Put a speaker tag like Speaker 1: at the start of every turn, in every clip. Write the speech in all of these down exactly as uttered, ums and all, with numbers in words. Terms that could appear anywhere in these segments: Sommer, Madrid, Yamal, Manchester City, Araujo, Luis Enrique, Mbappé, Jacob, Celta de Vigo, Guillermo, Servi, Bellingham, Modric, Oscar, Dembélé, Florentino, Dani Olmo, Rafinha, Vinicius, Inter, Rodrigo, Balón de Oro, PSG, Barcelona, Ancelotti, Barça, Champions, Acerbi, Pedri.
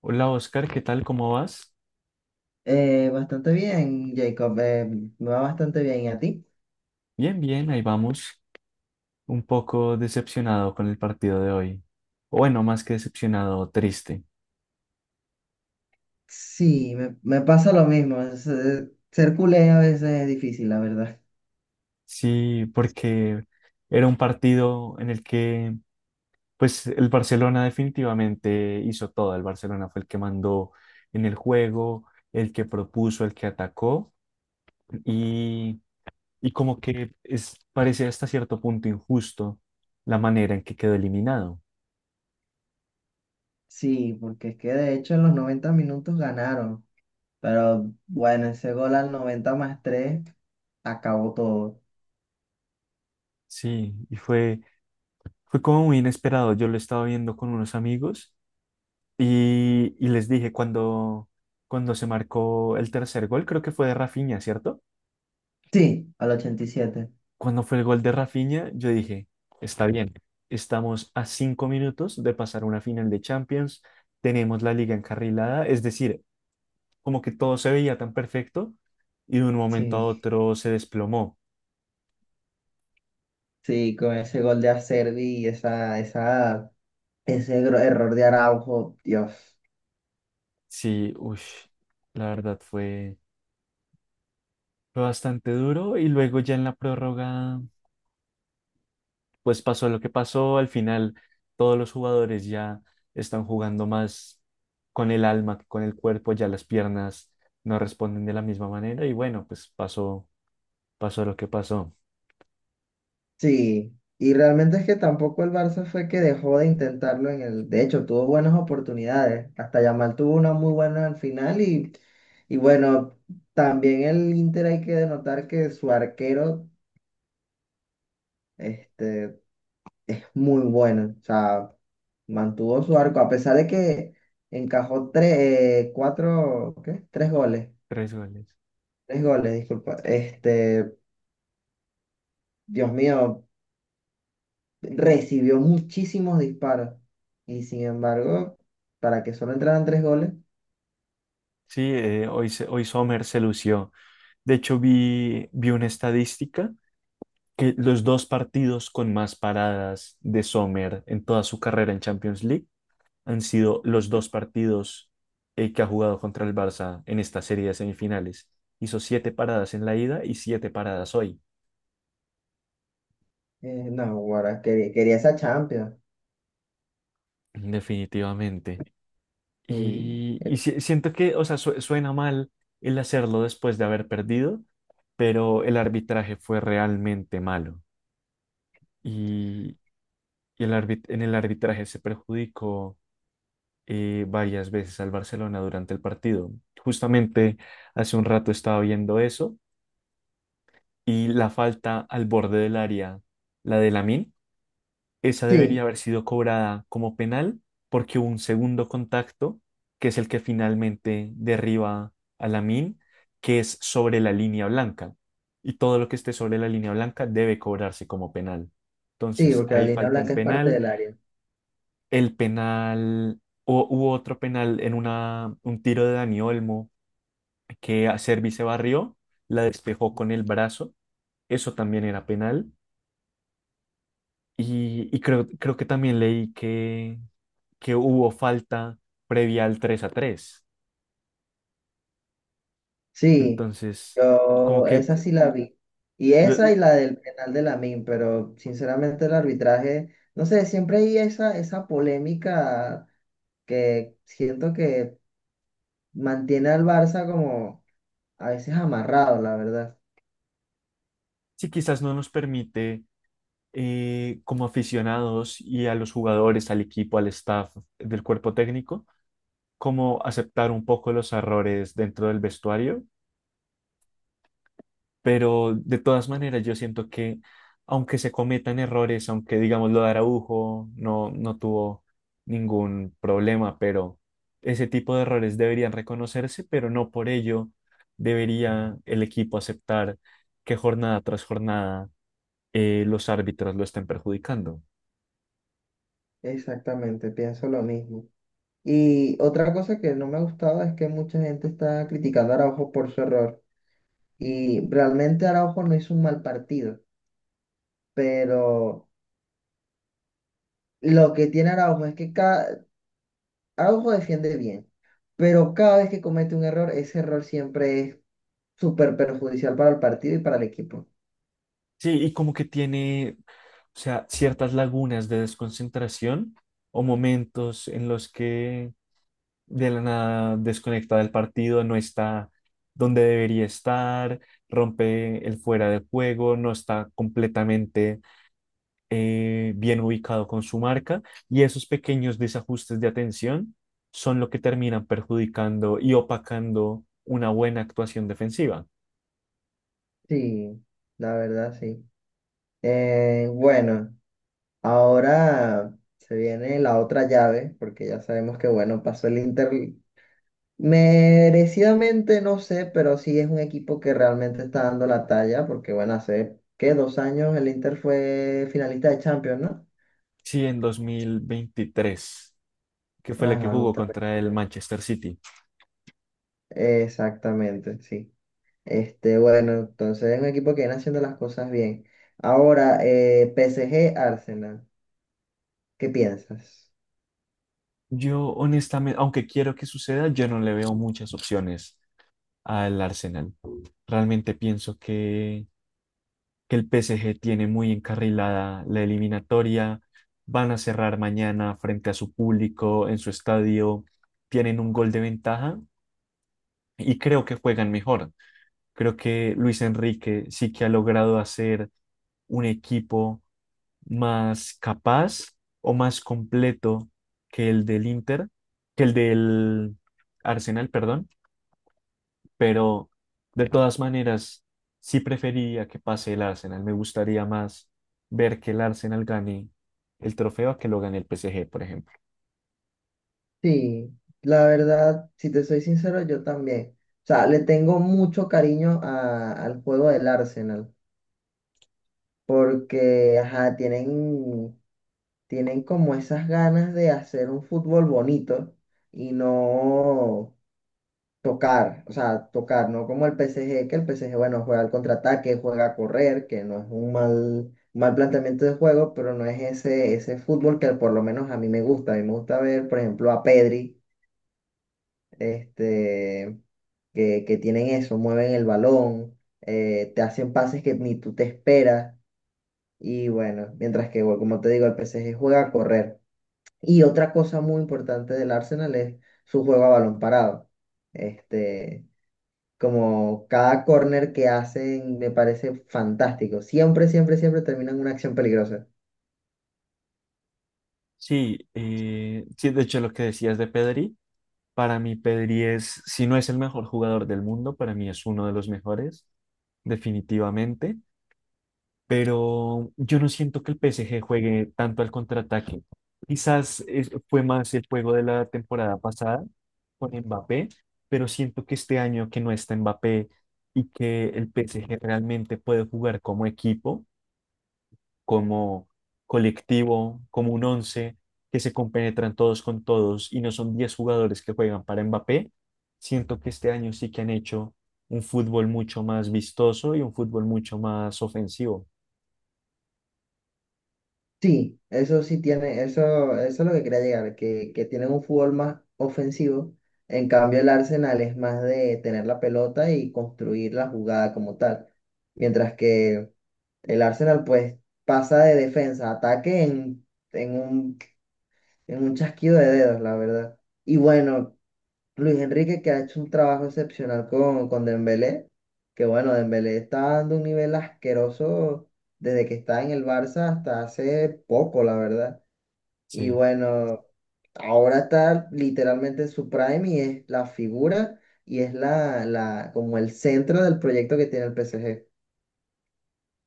Speaker 1: Hola Oscar, ¿qué tal? ¿Cómo vas?
Speaker 2: Eh, bastante bien, Jacob. eh, me va bastante bien. ¿Y a ti?
Speaker 1: Bien, bien, ahí vamos. Un poco decepcionado con el partido de hoy. O bueno, más que decepcionado, triste.
Speaker 2: Sí, me, me pasa lo mismo. es, eh, ser culé a veces es difícil, la verdad.
Speaker 1: Sí, porque era un partido en el que, pues, el Barcelona definitivamente hizo todo. El Barcelona fue el que mandó en el juego, el que propuso, el que atacó. Y, y como que es, parece hasta cierto punto injusto la manera en que quedó eliminado.
Speaker 2: Sí, porque es que de hecho en los noventa minutos ganaron. Pero bueno, ese gol al noventa más tres acabó todo.
Speaker 1: Sí, y fue Fue como muy inesperado. Yo lo estaba viendo con unos amigos y, y les dije cuando, cuando se marcó el tercer gol, creo que fue de Rafinha, ¿cierto?
Speaker 2: Sí, al ochenta y siete.
Speaker 1: Cuando fue el gol de Rafinha, yo dije, está bien, estamos a cinco minutos de pasar una final de Champions, tenemos la liga encarrilada, es decir, como que todo se veía tan perfecto y de un momento a
Speaker 2: Sí,
Speaker 1: otro se desplomó.
Speaker 2: sí, con ese gol de Acerbi y esa, esa, ese gro- error de Araujo, Dios.
Speaker 1: Sí, uy, la verdad fue, fue bastante duro y luego ya en la prórroga pues pasó lo que pasó, al final todos los jugadores ya están jugando más con el alma que con el cuerpo, ya las piernas no responden de la misma manera y bueno, pues pasó, pasó lo que pasó.
Speaker 2: Sí, y realmente es que tampoco el Barça fue que dejó de intentarlo en el. De hecho, tuvo buenas oportunidades. Hasta Yamal tuvo una muy buena al final y, y bueno, también el Inter hay que denotar que su arquero este, es muy bueno. O sea, mantuvo su arco a pesar de que encajó tres, eh, cuatro, ¿qué? Tres goles.
Speaker 1: Tres goles.
Speaker 2: Tres goles, disculpa. Este, Dios mío. Recibió muchísimos disparos y sin embargo, para que solo entraran tres goles,
Speaker 1: Sí, eh, hoy, se- hoy Sommer se lució. De hecho, vi, vi una estadística que los dos partidos con más paradas de Sommer en toda su carrera en Champions League han sido los dos partidos eh, que ha jugado contra el Barça en esta serie de semifinales. Hizo siete paradas en la ida y siete paradas hoy,
Speaker 2: eh, no, Guara, quería, quería esa Champions.
Speaker 1: definitivamente.
Speaker 2: Y,
Speaker 1: Y, y si- siento que, o sea, su- suena mal el hacerlo después de haber perdido, pero el arbitraje fue realmente malo. Y, y el árbit- en el arbitraje se perjudicó eh, varias veces al Barcelona durante el partido. Justamente hace un rato estaba viendo eso. Y la falta al borde del área, la de Lamine, esa debería
Speaker 2: sí,
Speaker 1: haber sido cobrada como penal porque hubo un segundo contacto, que es el que finalmente derriba a Lamine, que es sobre la línea blanca. Y todo lo que esté sobre la línea blanca debe cobrarse como penal.
Speaker 2: sí,
Speaker 1: Entonces,
Speaker 2: porque la
Speaker 1: ahí
Speaker 2: línea
Speaker 1: falta un
Speaker 2: blanca es parte
Speaker 1: penal.
Speaker 2: del área.
Speaker 1: El penal, o hubo otro penal en una, un tiro de Dani Olmo que a Servi se barrió, la despejó con el brazo. Eso también era penal. Y, y creo, creo que también leí que, que hubo falta previa al tres a tres.
Speaker 2: Sí,
Speaker 1: Entonces, como
Speaker 2: yo
Speaker 1: que
Speaker 2: esa sí la vi. Y esa
Speaker 1: si
Speaker 2: y la del penal de Lamine, pero sinceramente el arbitraje, no sé, siempre hay esa, esa polémica que siento que mantiene al Barça como a veces amarrado, la verdad.
Speaker 1: quizás no nos permite eh, como aficionados y a los jugadores, al equipo, al staff del cuerpo técnico, como aceptar un poco los errores dentro del vestuario. Pero de todas maneras, yo siento que aunque se cometan errores, aunque digamos lo de Araujo no, no tuvo ningún problema, pero ese tipo de errores deberían reconocerse, pero no por ello debería el equipo aceptar que jornada tras jornada eh, los árbitros lo estén perjudicando.
Speaker 2: Exactamente, pienso lo mismo. Y otra cosa que no me gustaba es que mucha gente está criticando a Araujo por su error. Y realmente Araujo no hizo un mal partido, pero lo que tiene Araujo es que cada. Araujo defiende bien, pero cada vez que comete un error, ese error siempre es súper perjudicial para el partido y para el equipo.
Speaker 1: Sí, y como que tiene, o sea, ciertas lagunas de desconcentración o momentos en los que de la nada desconecta del partido, no está donde debería estar, rompe el fuera de juego, no está completamente eh, bien ubicado con su marca y esos pequeños desajustes de atención son lo que terminan perjudicando y opacando una buena actuación defensiva.
Speaker 2: Sí, la verdad, sí. Eh, bueno, ahora se viene la otra llave, porque ya sabemos que, bueno, pasó el Inter. Merecidamente no sé, pero sí es un equipo que realmente está dando la talla, porque bueno, hace, ¿qué? Dos años el Inter fue finalista de Champions, ¿no?
Speaker 1: Sí, en dos mil veintitrés que fue la que
Speaker 2: Ajá,
Speaker 1: jugó
Speaker 2: justamente.
Speaker 1: contra el Manchester City.
Speaker 2: Exactamente, sí. Este, bueno, entonces es un equipo que viene haciendo las cosas bien. Ahora, eh, P S G Arsenal, ¿qué piensas?
Speaker 1: Yo honestamente, aunque quiero que suceda, yo no le veo muchas opciones al Arsenal. Realmente pienso que, que el P S G tiene muy encarrilada la eliminatoria. Van a cerrar mañana frente a su público en su estadio. Tienen un gol de ventaja y creo que juegan mejor. Creo que Luis Enrique sí que ha logrado hacer un equipo más capaz o más completo que el del Inter, que el del Arsenal, perdón. Pero de todas maneras, sí preferiría que pase el Arsenal. Me gustaría más ver que el Arsenal gane el trofeo a que lo gane el P S G, por ejemplo.
Speaker 2: Sí, la verdad, si te soy sincero, yo también. O sea, le tengo mucho cariño a- al juego del Arsenal porque, ajá, tienen tienen como esas ganas de hacer un fútbol bonito y no tocar, o sea, tocar, no como el P S G, que el P S G, bueno, juega al contraataque, juega a correr, que no es un mal, mal planteamiento de juego, pero no es ese, ese fútbol que por lo menos a mí me gusta. A mí me gusta ver, por ejemplo, a Pedri, este, que, que tienen eso, mueven el balón, eh, te hacen pases que ni tú te esperas. Y bueno, mientras que, bueno, como te digo, el P S G juega a correr. Y otra cosa muy importante del Arsenal es su juego a balón parado. Este, como cada corner que hacen me parece fantástico. Siempre, siempre, siempre terminan una acción peligrosa.
Speaker 1: Sí, eh, sí, de hecho lo que decías de Pedri, para mí Pedri es, si no es el mejor jugador del mundo, para mí es uno de los mejores, definitivamente. Pero yo no siento que el P S G juegue tanto al contraataque. Quizás es- fue más el juego de la temporada pasada con Mbappé, pero siento que este año que no está Mbappé y que el P S G realmente puede jugar como equipo, como colectivo, como un once, que se compenetran todos con todos y no son diez jugadores que juegan para Mbappé, siento que este año sí que han hecho un fútbol mucho más vistoso y un fútbol mucho más ofensivo.
Speaker 2: Sí, eso sí tiene, eso, eso es lo que quería llegar, que, que tienen un fútbol más ofensivo. En cambio, el Arsenal es más de tener la pelota y construir la jugada como tal. Mientras que el Arsenal pues pasa de defensa a ataque en, en un Es un chasquido de dedos, la verdad. Y bueno, Luis Enrique que ha hecho un trabajo excepcional con, con Dembélé, que bueno, Dembélé está dando un nivel asqueroso desde que está en el Barça hasta hace poco, la verdad. Y
Speaker 1: Sí.
Speaker 2: bueno, ahora está literalmente en su prime y es la figura y es la, la, como el centro del proyecto que tiene el P S G.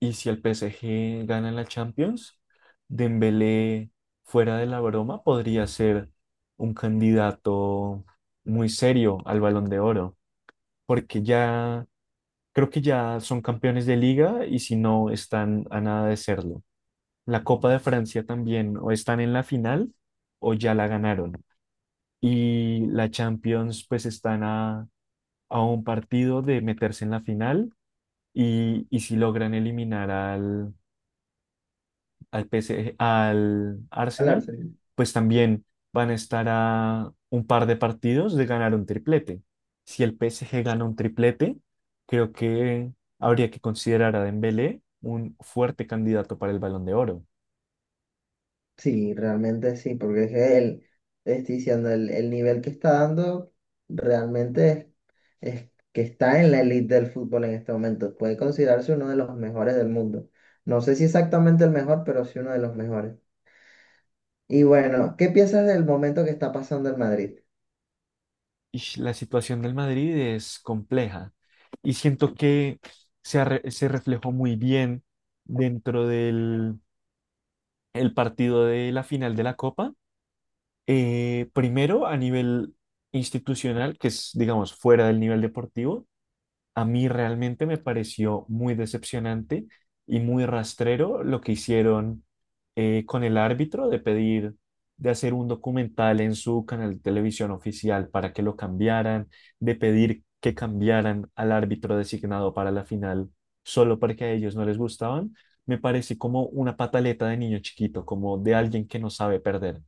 Speaker 1: Y si el P S G gana la Champions, Dembélé, fuera de la broma, podría ser un candidato muy serio al Balón de Oro, porque ya creo que ya son campeones de liga y si no están a nada de serlo. La Copa de Francia también, o están en la final o ya la ganaron. Y la Champions, pues están a, a un partido de meterse en la final y, y si logran eliminar al al P S G al
Speaker 2: El
Speaker 1: Arsenal,
Speaker 2: Arsenal.
Speaker 1: pues también van a estar a un par de partidos de ganar un triplete. Si el P S G gana un triplete, creo que habría que considerar a Dembélé un fuerte candidato para el Balón de Oro.
Speaker 2: Sí, realmente sí, porque es que el, estoy diciendo, el, el nivel que está dando realmente es, que está en la elite del fútbol en este momento. Puede considerarse uno de los mejores del mundo. No sé si exactamente el mejor, pero sí uno de los mejores. Y bueno, ¿qué piensas del momento que está pasando el Madrid?
Speaker 1: Y la situación del Madrid es compleja y siento que se, arre- se reflejó muy bien dentro del el partido de la final de la Copa. Eh, primero, a nivel institucional, que es, digamos, fuera del nivel deportivo, a mí realmente me pareció muy decepcionante y muy rastrero lo que hicieron eh, con el árbitro de pedir, de hacer un documental en su canal de televisión oficial para que lo cambiaran, de pedir que cambiaran al árbitro designado para la final solo porque a ellos no les gustaban. Me parece como una pataleta de niño chiquito, como de alguien que no sabe perder.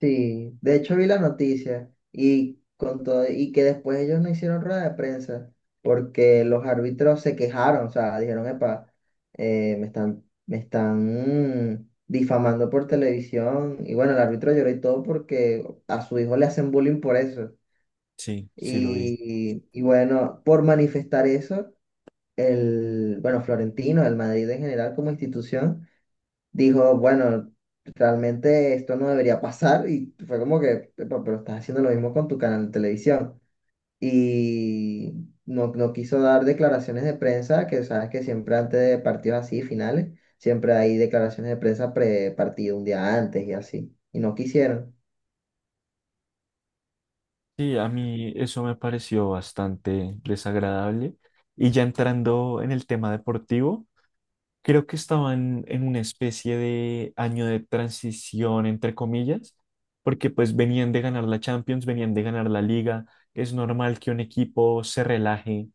Speaker 2: Sí, de hecho vi la noticia y, con todo, y que después ellos no hicieron rueda de prensa porque los árbitros se quejaron, o sea, dijeron, epa, eh, me están, me están mm, difamando por televisión. Y bueno, el árbitro lloró y todo porque a su hijo le hacen bullying por eso.
Speaker 1: Sí, sí lo vi.
Speaker 2: Y, y bueno, por manifestar eso, el, bueno, Florentino, el Madrid en general como institución, dijo, bueno, realmente esto no debería pasar y fue como que: "Epa, pero estás haciendo lo mismo con tu canal de televisión". Y no, no quiso dar declaraciones de prensa, que sabes que siempre antes de partidos así, finales, siempre hay declaraciones de prensa pre-partido un día antes y así. Y no quisieron.
Speaker 1: Sí, a mí eso me pareció bastante desagradable. Y ya entrando en el tema deportivo, creo que estaban en una especie de año de transición, entre comillas, porque pues venían de ganar la Champions, venían de ganar la Liga. Es normal que un equipo se relaje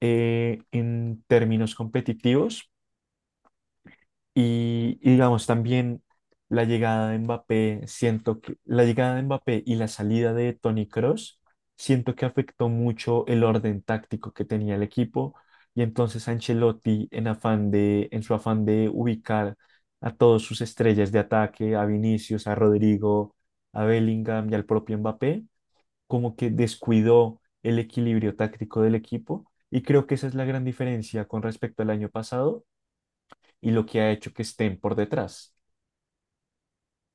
Speaker 1: eh, en términos competitivos y, y digamos también la llegada de Mbappé, siento que la llegada de Mbappé y la salida de Toni Kroos, siento que afectó mucho el orden táctico que tenía el equipo y entonces Ancelotti en afán de en su afán de ubicar a todas sus estrellas de ataque, a Vinicius, a Rodrigo, a Bellingham y al propio Mbappé, como que descuidó el equilibrio táctico del equipo y creo que esa es la gran diferencia con respecto al año pasado y lo que ha hecho que estén por detrás.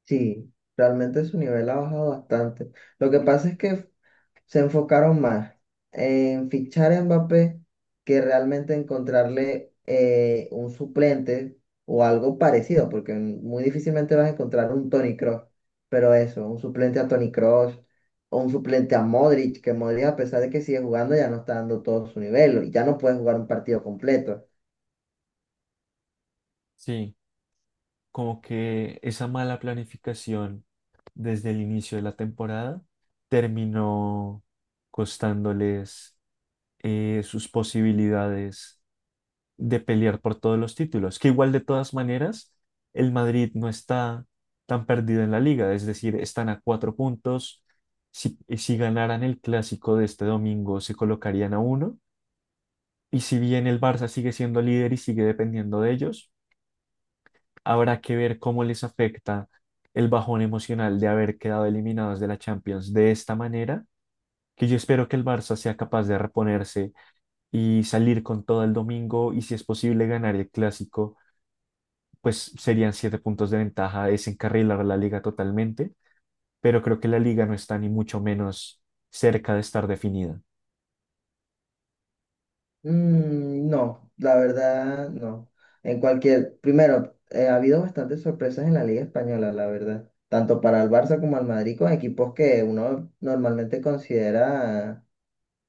Speaker 2: Sí, realmente su nivel ha bajado bastante. Lo que pasa es que se enfocaron más en fichar a Mbappé que realmente encontrarle eh, un suplente o algo parecido, porque muy difícilmente vas a encontrar un Toni Kroos, pero eso, un suplente a Toni Kroos o un suplente a Modric, que Modric a pesar de que sigue jugando ya no está dando todo su nivel y ya no puede jugar un partido completo.
Speaker 1: Sí, como que esa mala planificación desde el inicio de la temporada terminó costándoles eh, sus posibilidades de pelear por todos los títulos, que igual de todas maneras el Madrid no está tan perdido en la liga, es decir, están a cuatro puntos. Si, eh, si ganaran el clásico de este domingo, se colocarían a uno. Y si bien el Barça sigue siendo líder y sigue dependiendo de ellos, habrá que ver cómo les afecta el bajón emocional de haber quedado eliminados de la Champions de esta manera, que yo espero que el Barça sea capaz de reponerse y salir con todo el domingo y si es posible ganar el clásico, pues serían siete puntos de ventaja, desencarrilar la liga totalmente, pero creo que la liga no está ni mucho menos cerca de estar definida.
Speaker 2: Mm, no, la verdad, no. En cualquier, primero, eh, ha habido bastantes sorpresas en la Liga Española, la verdad. Tanto para el Barça como al Madrid, con equipos que uno normalmente considera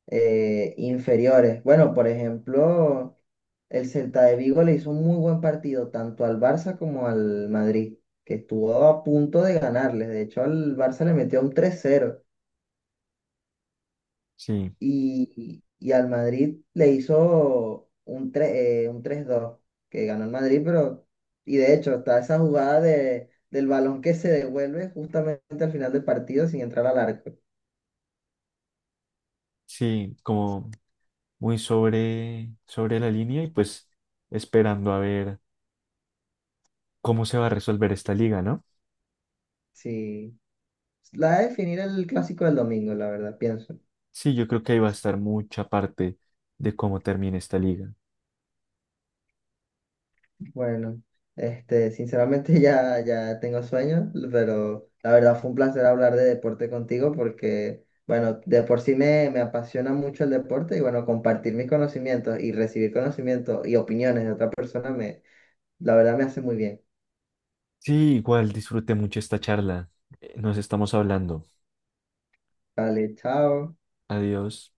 Speaker 2: eh, inferiores. Bueno, por ejemplo, el Celta de Vigo le hizo un muy buen partido tanto al Barça como al Madrid, que estuvo a punto de ganarles. De hecho, al Barça le metió un tres cero
Speaker 1: Sí,
Speaker 2: y, y al Madrid le hizo un, tre- eh, un tres dos que ganó el Madrid, pero, y de hecho está esa jugada de, del balón que se devuelve justamente al final del partido sin entrar al arco.
Speaker 1: sí, como muy sobre, sobre la línea y pues esperando a ver cómo se va a resolver esta liga, ¿no?
Speaker 2: Sí, la va a definir el clásico del domingo, la verdad, pienso.
Speaker 1: Sí, yo creo que ahí va a estar mucha parte de cómo termina esta liga.
Speaker 2: Bueno, este, sinceramente ya, ya tengo sueño, pero la verdad fue un placer hablar de deporte contigo porque, bueno, de por sí me, me apasiona mucho el deporte y bueno, compartir mis conocimientos y recibir conocimientos y opiniones de otra persona me, la verdad me hace muy bien.
Speaker 1: Sí, igual disfruté mucho esta charla. Eh, Nos estamos hablando.
Speaker 2: Vale, chao.
Speaker 1: Adiós.